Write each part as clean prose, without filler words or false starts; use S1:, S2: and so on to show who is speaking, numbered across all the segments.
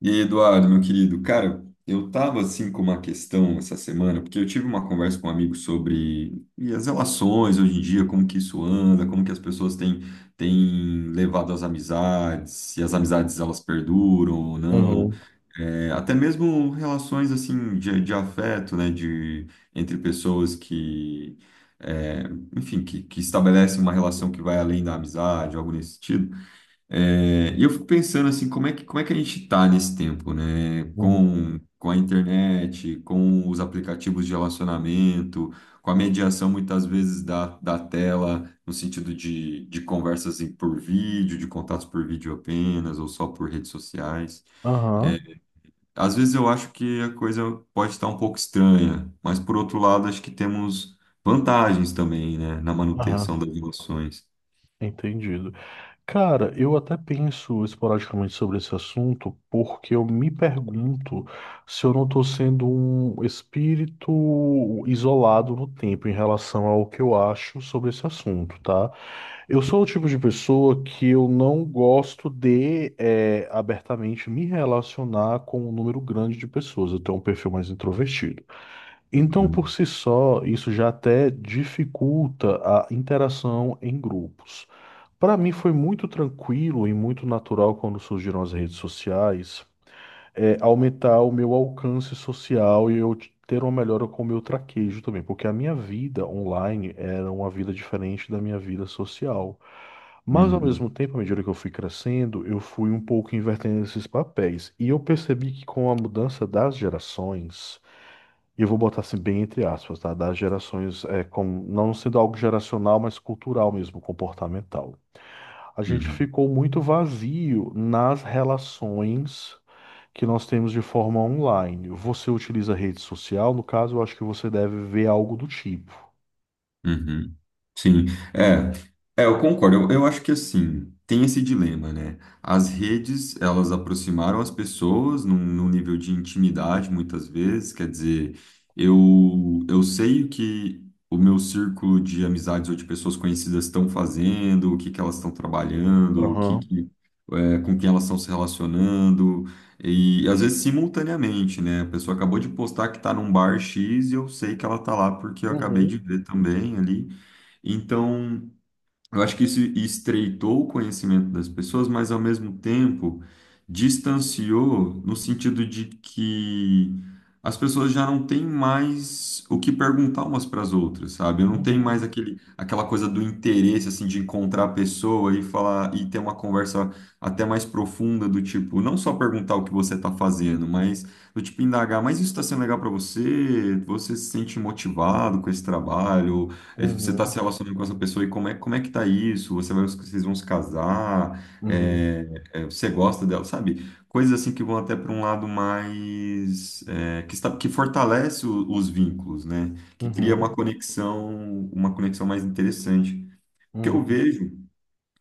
S1: E aí, Eduardo, meu querido, cara, eu tava assim com uma questão essa semana, porque eu tive uma conversa com um amigo sobre e as relações hoje em dia, como que isso anda, como que as pessoas têm, têm levado as amizades, se as amizades elas perduram ou não.
S2: Uhum,
S1: É, até mesmo relações assim de afeto, né, de entre pessoas que, é, enfim, que estabelecem uma relação que vai além da amizade, algo nesse sentido. É, e eu fico pensando assim, como é que a gente está nesse tempo, né?
S2: uhum.
S1: Com a internet, com os aplicativos de relacionamento, com a mediação muitas vezes da tela, no sentido de por vídeo, de contatos por vídeo apenas, ou só por redes sociais. É,
S2: Aham,
S1: às vezes eu acho que a coisa pode estar um pouco estranha, mas por outro lado, acho que temos vantagens também, né? Na
S2: aham,
S1: manutenção das relações.
S2: entendido. Cara, eu até penso esporadicamente sobre esse assunto porque eu me pergunto se eu não estou sendo um espírito isolado no tempo em relação ao que eu acho sobre esse assunto, tá? Eu sou o tipo de pessoa que eu não gosto de abertamente me relacionar com um número grande de pessoas. Eu tenho um perfil mais introvertido. Então,
S1: Uhum,
S2: por si só, isso já até dificulta a interação em grupos. Para mim, foi muito tranquilo e muito natural quando surgiram as redes sociais, aumentar o meu alcance social e eu ter uma melhora com o meu traquejo também, porque a minha vida online era uma vida diferente da minha vida social. Mas, ao
S1: uhum,
S2: mesmo tempo, à medida que eu fui crescendo, eu fui um pouco invertendo esses papéis. E eu percebi que com a mudança das gerações, e eu vou botar assim bem entre aspas, tá? Das gerações, não sendo algo geracional, mas cultural mesmo, comportamental. A gente
S1: uhum.
S2: ficou muito vazio nas relações que nós temos de forma online. Você utiliza rede social, no caso, eu acho que você deve ver algo do tipo.
S1: Uhum. Sim, é, é, eu concordo. Eu acho que assim, tem esse dilema, né? As redes, elas aproximaram as pessoas num nível de intimidade, muitas vezes. Quer dizer, eu, eu sei que o meu círculo de amizades ou de pessoas conhecidas estão fazendo, o que que elas estão trabalhando, o que,
S2: Aham.
S1: que é, com quem elas estão se relacionando, e às vezes simultaneamente, né? A pessoa acabou de postar que está num bar X e eu sei que ela está lá porque eu acabei
S2: Uhum,
S1: de ver também ali. Então, eu acho que isso estreitou o conhecimento das pessoas, mas ao mesmo tempo distanciou no sentido de que as pessoas já não têm mais o que perguntar umas para as outras, sabe? Não tem mais
S2: uhum,
S1: aquele, aquela coisa do interesse assim de encontrar a pessoa e falar e ter uma conversa até mais profunda do tipo, não só perguntar o que você está fazendo, mas do tipo indagar, mas isso está sendo legal para você? Você se sente motivado com esse trabalho? É, você está se
S2: uhum,
S1: relacionando com essa pessoa e como é que tá isso? Você vai, vocês vão se casar?
S2: uhum,
S1: É, é, você gosta dela, sabe? Coisas assim que vão até para um lado mais é, que está, que fortalece os vínculos, né? Que cria
S2: uhum,
S1: uma conexão mais interessante. Porque eu
S2: uhum,
S1: vejo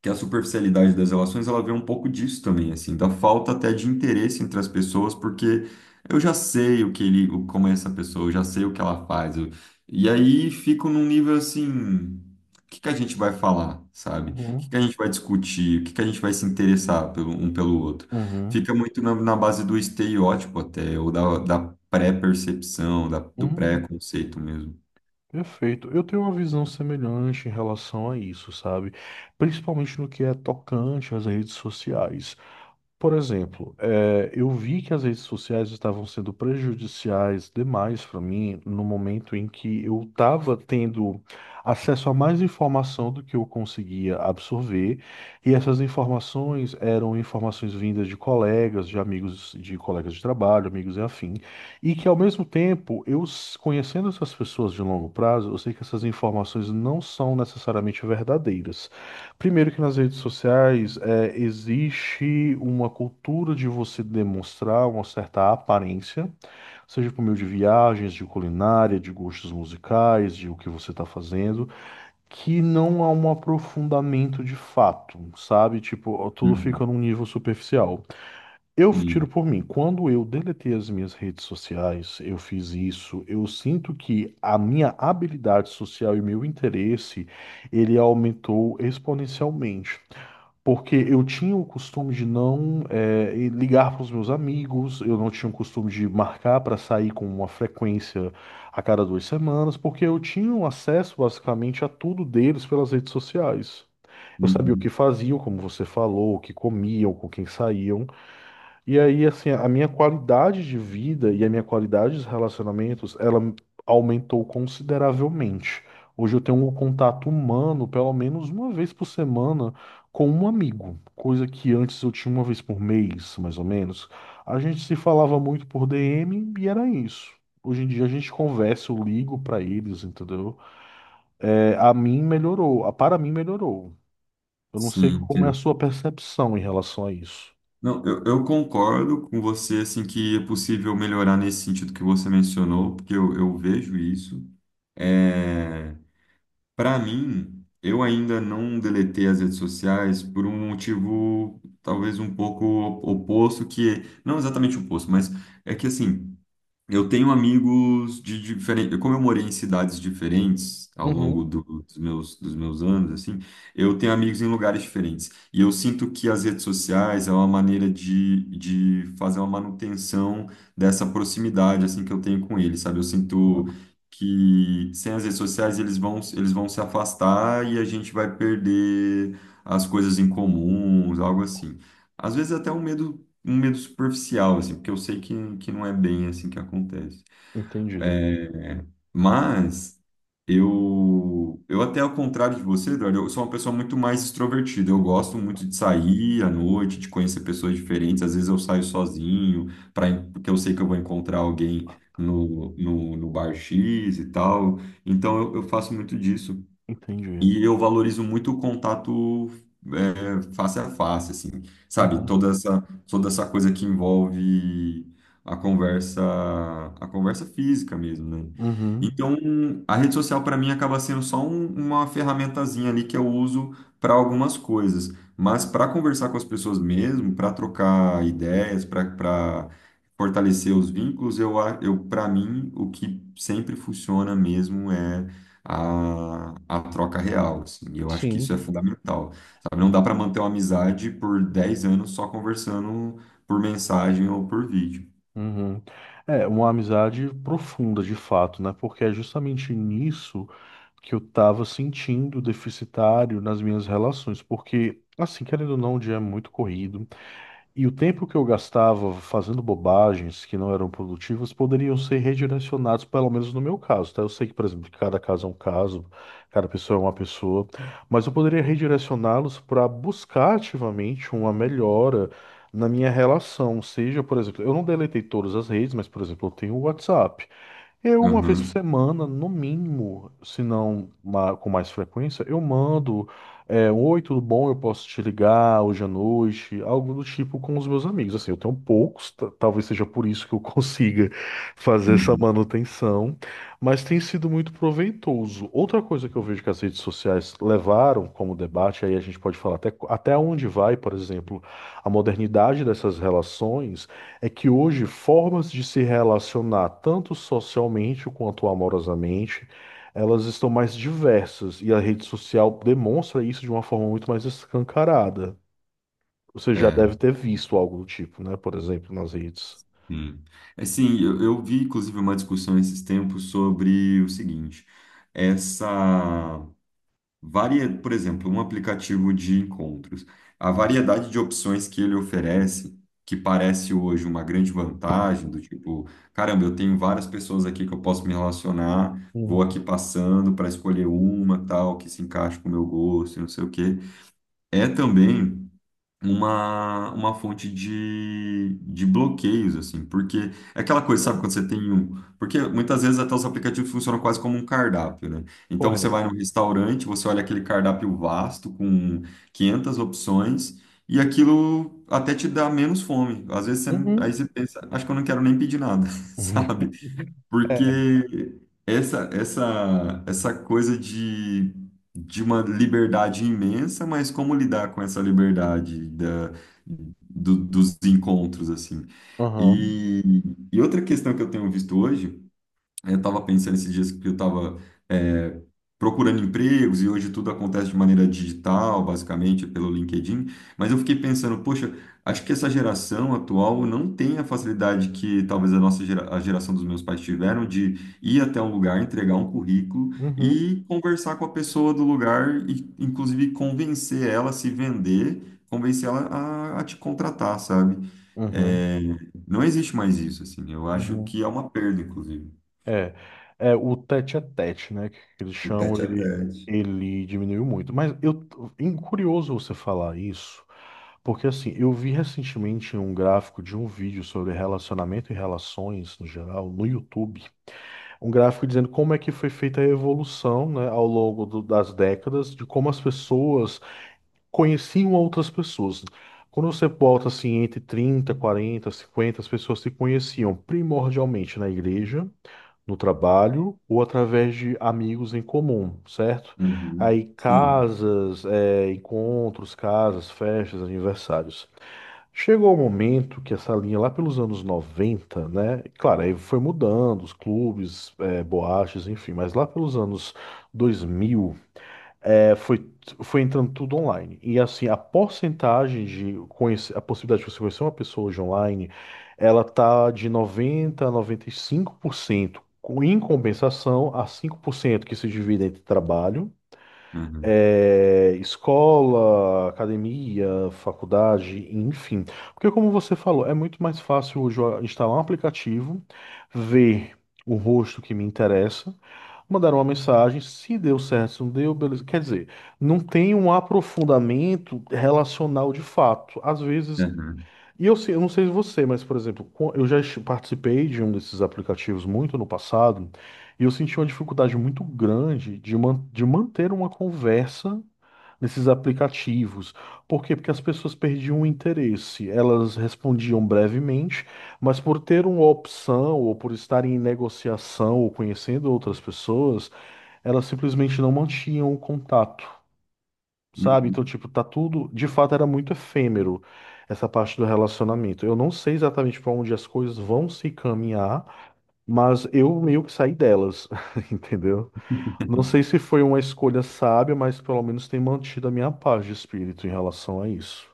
S1: que a superficialidade das relações ela vem um pouco disso também, assim, da falta até de interesse entre as pessoas, porque eu já sei o que ele, como é essa pessoa, eu já sei o que ela faz, e aí fico num nível assim, o que que a gente vai falar, sabe? O
S2: uhum,
S1: que que a gente vai discutir? O que que a gente vai se interessar pelo, um pelo outro?
S2: uhum,
S1: Fica muito na base do estereótipo até, ou da pré-percepção, do
S2: uhum, uhum.
S1: pré-conceito mesmo.
S2: Perfeito. Eu tenho uma visão semelhante em relação a isso, sabe? Principalmente no que é tocante às redes sociais. Por exemplo, eu vi que as redes sociais estavam sendo prejudiciais demais para mim no momento em que eu estava tendo acesso a mais informação do que eu conseguia absorver, e essas informações eram informações vindas de colegas, de amigos, de colegas de trabalho, amigos e afim, e que ao mesmo tempo, conhecendo essas pessoas de longo prazo, eu sei que essas informações não são necessariamente verdadeiras. Primeiro que nas redes sociais existe uma cultura de você demonstrar uma certa aparência, seja por meio de viagens, de culinária, de gostos musicais, de o que você está fazendo, que não há um aprofundamento de fato, sabe? Tipo, tudo fica
S1: Uhum.
S2: num nível superficial. Eu tiro
S1: Sim.
S2: por mim, quando eu deletei as minhas redes sociais, eu fiz isso, eu sinto que a minha habilidade social e meu interesse, ele aumentou exponencialmente. Porque eu tinha o costume de não ligar para os meus amigos, eu não tinha o costume de marcar para sair com uma frequência a cada 2 semanas, porque eu tinha um acesso basicamente a tudo deles pelas redes sociais. Eu sabia o que
S1: Uhum.
S2: faziam, como você falou, o que comiam, com quem saíam. E aí, assim, a minha qualidade de vida e a minha qualidade de relacionamentos, ela aumentou consideravelmente. Hoje eu tenho um contato humano, pelo menos uma vez por semana, com um amigo, coisa que antes eu tinha uma vez por mês, mais ou menos. A gente se falava muito por DM e era isso. Hoje em dia a gente conversa, eu ligo pra eles, entendeu? É, a mim melhorou, a para mim melhorou. Eu não sei
S1: Sim.
S2: como é a sua percepção em relação a isso.
S1: Não, eu concordo com você, assim, que é possível melhorar nesse sentido que você mencionou, porque eu vejo isso. É, para mim, eu ainda não deletei as redes sociais por um motivo talvez um pouco oposto, que não exatamente oposto, mas é que assim. Eu tenho amigos de diferentes. Como eu morei em cidades diferentes ao longo
S2: Uhum.
S1: dos meus anos, assim, eu tenho amigos em lugares diferentes. E eu sinto que as redes sociais é uma maneira de fazer uma manutenção dessa proximidade, assim, que eu tenho com eles, sabe? Eu sinto
S2: Claro.
S1: que sem as redes sociais eles vão se afastar e a gente vai perder as coisas em comuns, algo assim. Às vezes até um medo superficial, assim, porque eu sei que não é bem assim que acontece.
S2: Entendido.
S1: É, mas eu até ao contrário de você, Eduardo, eu sou uma pessoa muito mais extrovertida. Eu gosto muito de sair à noite, de conhecer pessoas diferentes. Às vezes eu saio sozinho, pra, porque eu sei que eu vou encontrar alguém no bar X e tal. Então eu faço muito disso.
S2: Entendido.
S1: E eu valorizo muito o contato é, face a face, assim, sabe?
S2: Aham.
S1: Toda essa coisa que envolve a conversa, a conversa física mesmo, né?
S2: Uhum.
S1: Então, a rede social para mim acaba sendo só uma ferramentazinha ali que eu uso para algumas coisas, mas para conversar com as pessoas mesmo, para trocar ideias, para fortalecer os vínculos, eu para mim o que sempre funciona mesmo é a troca real, assim. E eu acho que isso é
S2: Sim.
S1: fundamental, sabe? Não dá para manter uma amizade por 10 anos só conversando por mensagem ou por vídeo.
S2: Uhum. É uma amizade profunda, de fato, né? Porque é justamente nisso que eu tava sentindo deficitário nas minhas relações. Porque, assim, querendo ou não, o dia é muito corrido. E o tempo que eu gastava fazendo bobagens que não eram produtivas poderiam ser redirecionados, pelo menos no meu caso, tá? Eu sei que, por exemplo, que cada caso é um caso, cada pessoa é uma pessoa, mas eu poderia redirecioná-los para buscar ativamente uma melhora na minha relação. Seja, por exemplo, eu não deletei todas as redes, mas, por exemplo, eu tenho o WhatsApp. Eu, uma vez por
S1: Aham.
S2: semana, no mínimo, se não com mais frequência, eu mando, um oi, tudo bom? Eu posso te ligar hoje à noite, algo do tipo com os meus amigos. Assim, eu tenho poucos, talvez seja por isso que eu consiga fazer essa
S1: Uhum.
S2: manutenção, mas tem sido muito proveitoso. Outra coisa que eu vejo que as redes sociais levaram como debate, aí a gente pode falar até, até onde vai, por exemplo, a modernidade dessas relações. É que hoje formas de se relacionar tanto socialmente quanto amorosamente, elas estão mais diversas e a rede social demonstra isso de uma forma muito mais escancarada. Você já
S1: É,
S2: deve ter visto algo do tipo, né? Por exemplo, nas redes.
S1: sim. É, sim, eu vi, inclusive, uma discussão esses tempos sobre o seguinte, essa... Varia, por exemplo, um aplicativo de encontros. A variedade de opções que ele oferece, que parece hoje uma grande vantagem, do tipo, caramba, eu tenho várias pessoas aqui que eu posso me relacionar,
S2: Uhum.
S1: vou aqui passando para escolher uma, tal, que se encaixe com o meu gosto, e não sei o quê. É também uma fonte de bloqueios, assim, porque é aquela coisa, sabe, quando você tem um. Porque muitas vezes até os aplicativos funcionam quase como um cardápio, né? Então você vai num
S2: Correto.
S1: restaurante, você olha aquele cardápio vasto com 500 opções. E aquilo até te dá menos fome. Às vezes você, aí
S2: Uhum.
S1: você pensa, acho que eu não quero nem pedir nada, sabe?
S2: É.
S1: Porque essa, essa coisa de uma liberdade imensa, mas como lidar com essa liberdade da, dos encontros, assim.
S2: Uhum.
S1: E, e outra questão que eu tenho visto hoje. Aí eu estava pensando esses dias que eu estava procurando empregos e hoje tudo acontece de maneira digital, basicamente pelo LinkedIn. Mas eu fiquei pensando, poxa, acho que essa geração atual não tem a facilidade que talvez a geração dos meus pais tiveram de ir até um lugar, entregar um currículo
S2: Uhum.
S1: e conversar com a pessoa do lugar e, inclusive, convencer ela a se vender, convencer ela a te contratar, sabe?
S2: Uhum.
S1: É, não existe mais isso, assim. Eu acho
S2: Uhum.
S1: que é uma perda, inclusive.
S2: É. É o tete a tete, né? Que eles
S1: O
S2: chamam,
S1: tete a
S2: ele,
S1: tete.
S2: ele diminuiu muito. Mas eu, curioso você falar isso. Porque assim, eu vi recentemente um gráfico de um vídeo sobre relacionamento e relações no geral no YouTube. Um gráfico dizendo como é que foi feita a evolução, né, ao longo do- das décadas, de como as pessoas conheciam outras pessoas. Quando você bota assim entre 30, 40, 50 as pessoas se conheciam primordialmente na igreja, no trabalho ou através de amigos em comum, certo? Aí
S1: Uhum. Sim.
S2: casas, encontros, casas, festas, aniversários. Chegou o momento que essa linha lá pelos anos 90, né? Claro, aí foi mudando, os clubes, boates, enfim, mas lá pelos anos 2000, eh, foi, foi entrando tudo online. E assim, a porcentagem de conhecer, a possibilidade de você conhecer uma pessoa hoje online, ela tá de 90 a 95%, em compensação a 5% que se divide entre trabalho
S1: Uhum.
S2: escola, academia, faculdade, enfim. Porque, como você falou, é muito mais fácil hoje eu instalar um aplicativo, ver o rosto que me interessa, mandar uma mensagem, se deu certo, se não deu, beleza. Quer dizer, não tem um aprofundamento relacional de fato. Às vezes.
S1: Uhum.
S2: Eu não sei você, mas, por exemplo, eu já participei de um desses aplicativos muito no passado, e eu senti uma dificuldade muito grande de manter uma conversa nesses aplicativos. Por quê? Porque as pessoas perdiam o interesse. Elas respondiam brevemente, mas por ter uma opção ou por estarem em negociação ou conhecendo outras pessoas, elas simplesmente não mantinham o contato, sabe? Então,
S1: Uhum.
S2: tipo, tá tudo, de fato, era muito efêmero essa parte do relacionamento. Eu não sei exatamente para onde as coisas vão se caminhar, mas eu meio que saí delas, entendeu? Não sei se foi uma escolha sábia, mas pelo menos tem mantido a minha paz de espírito em relação a isso.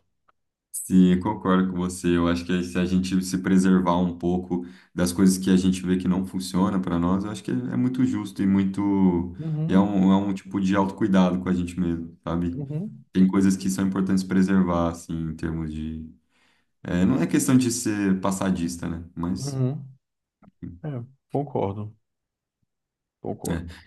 S1: Sim, eu concordo com você. Eu acho que se a gente se preservar um pouco das coisas que a gente vê que não funciona para nós, eu acho que é muito justo e muito. E
S2: Uhum,
S1: é um tipo de autocuidado com a gente mesmo, sabe?
S2: uhum,
S1: Tem coisas que são importantes preservar, assim, em termos de. É, não é questão de ser passadista, né? Mas.
S2: uhum. É, concordo,
S1: É,
S2: concordo.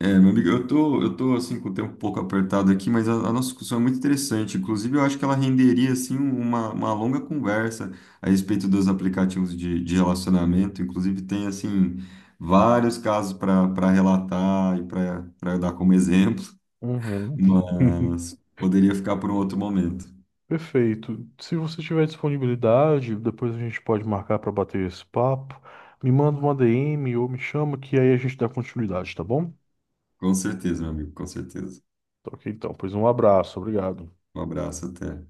S1: é, meu amigo, eu tô assim com o tempo um pouco apertado aqui, mas a nossa discussão é muito interessante. Inclusive, eu acho que ela renderia assim uma longa conversa a respeito dos aplicativos de relacionamento. Inclusive, tem assim vários casos para relatar e para dar como exemplo,
S2: Uhum.
S1: mas poderia ficar por um outro momento.
S2: Perfeito. Se você tiver disponibilidade, depois a gente pode marcar para bater esse papo. Me manda uma DM ou me chama que aí a gente dá continuidade, tá bom?
S1: Com certeza, meu amigo, com certeza.
S2: Tá, ok, então, pois um abraço, obrigado.
S1: Um abraço, até.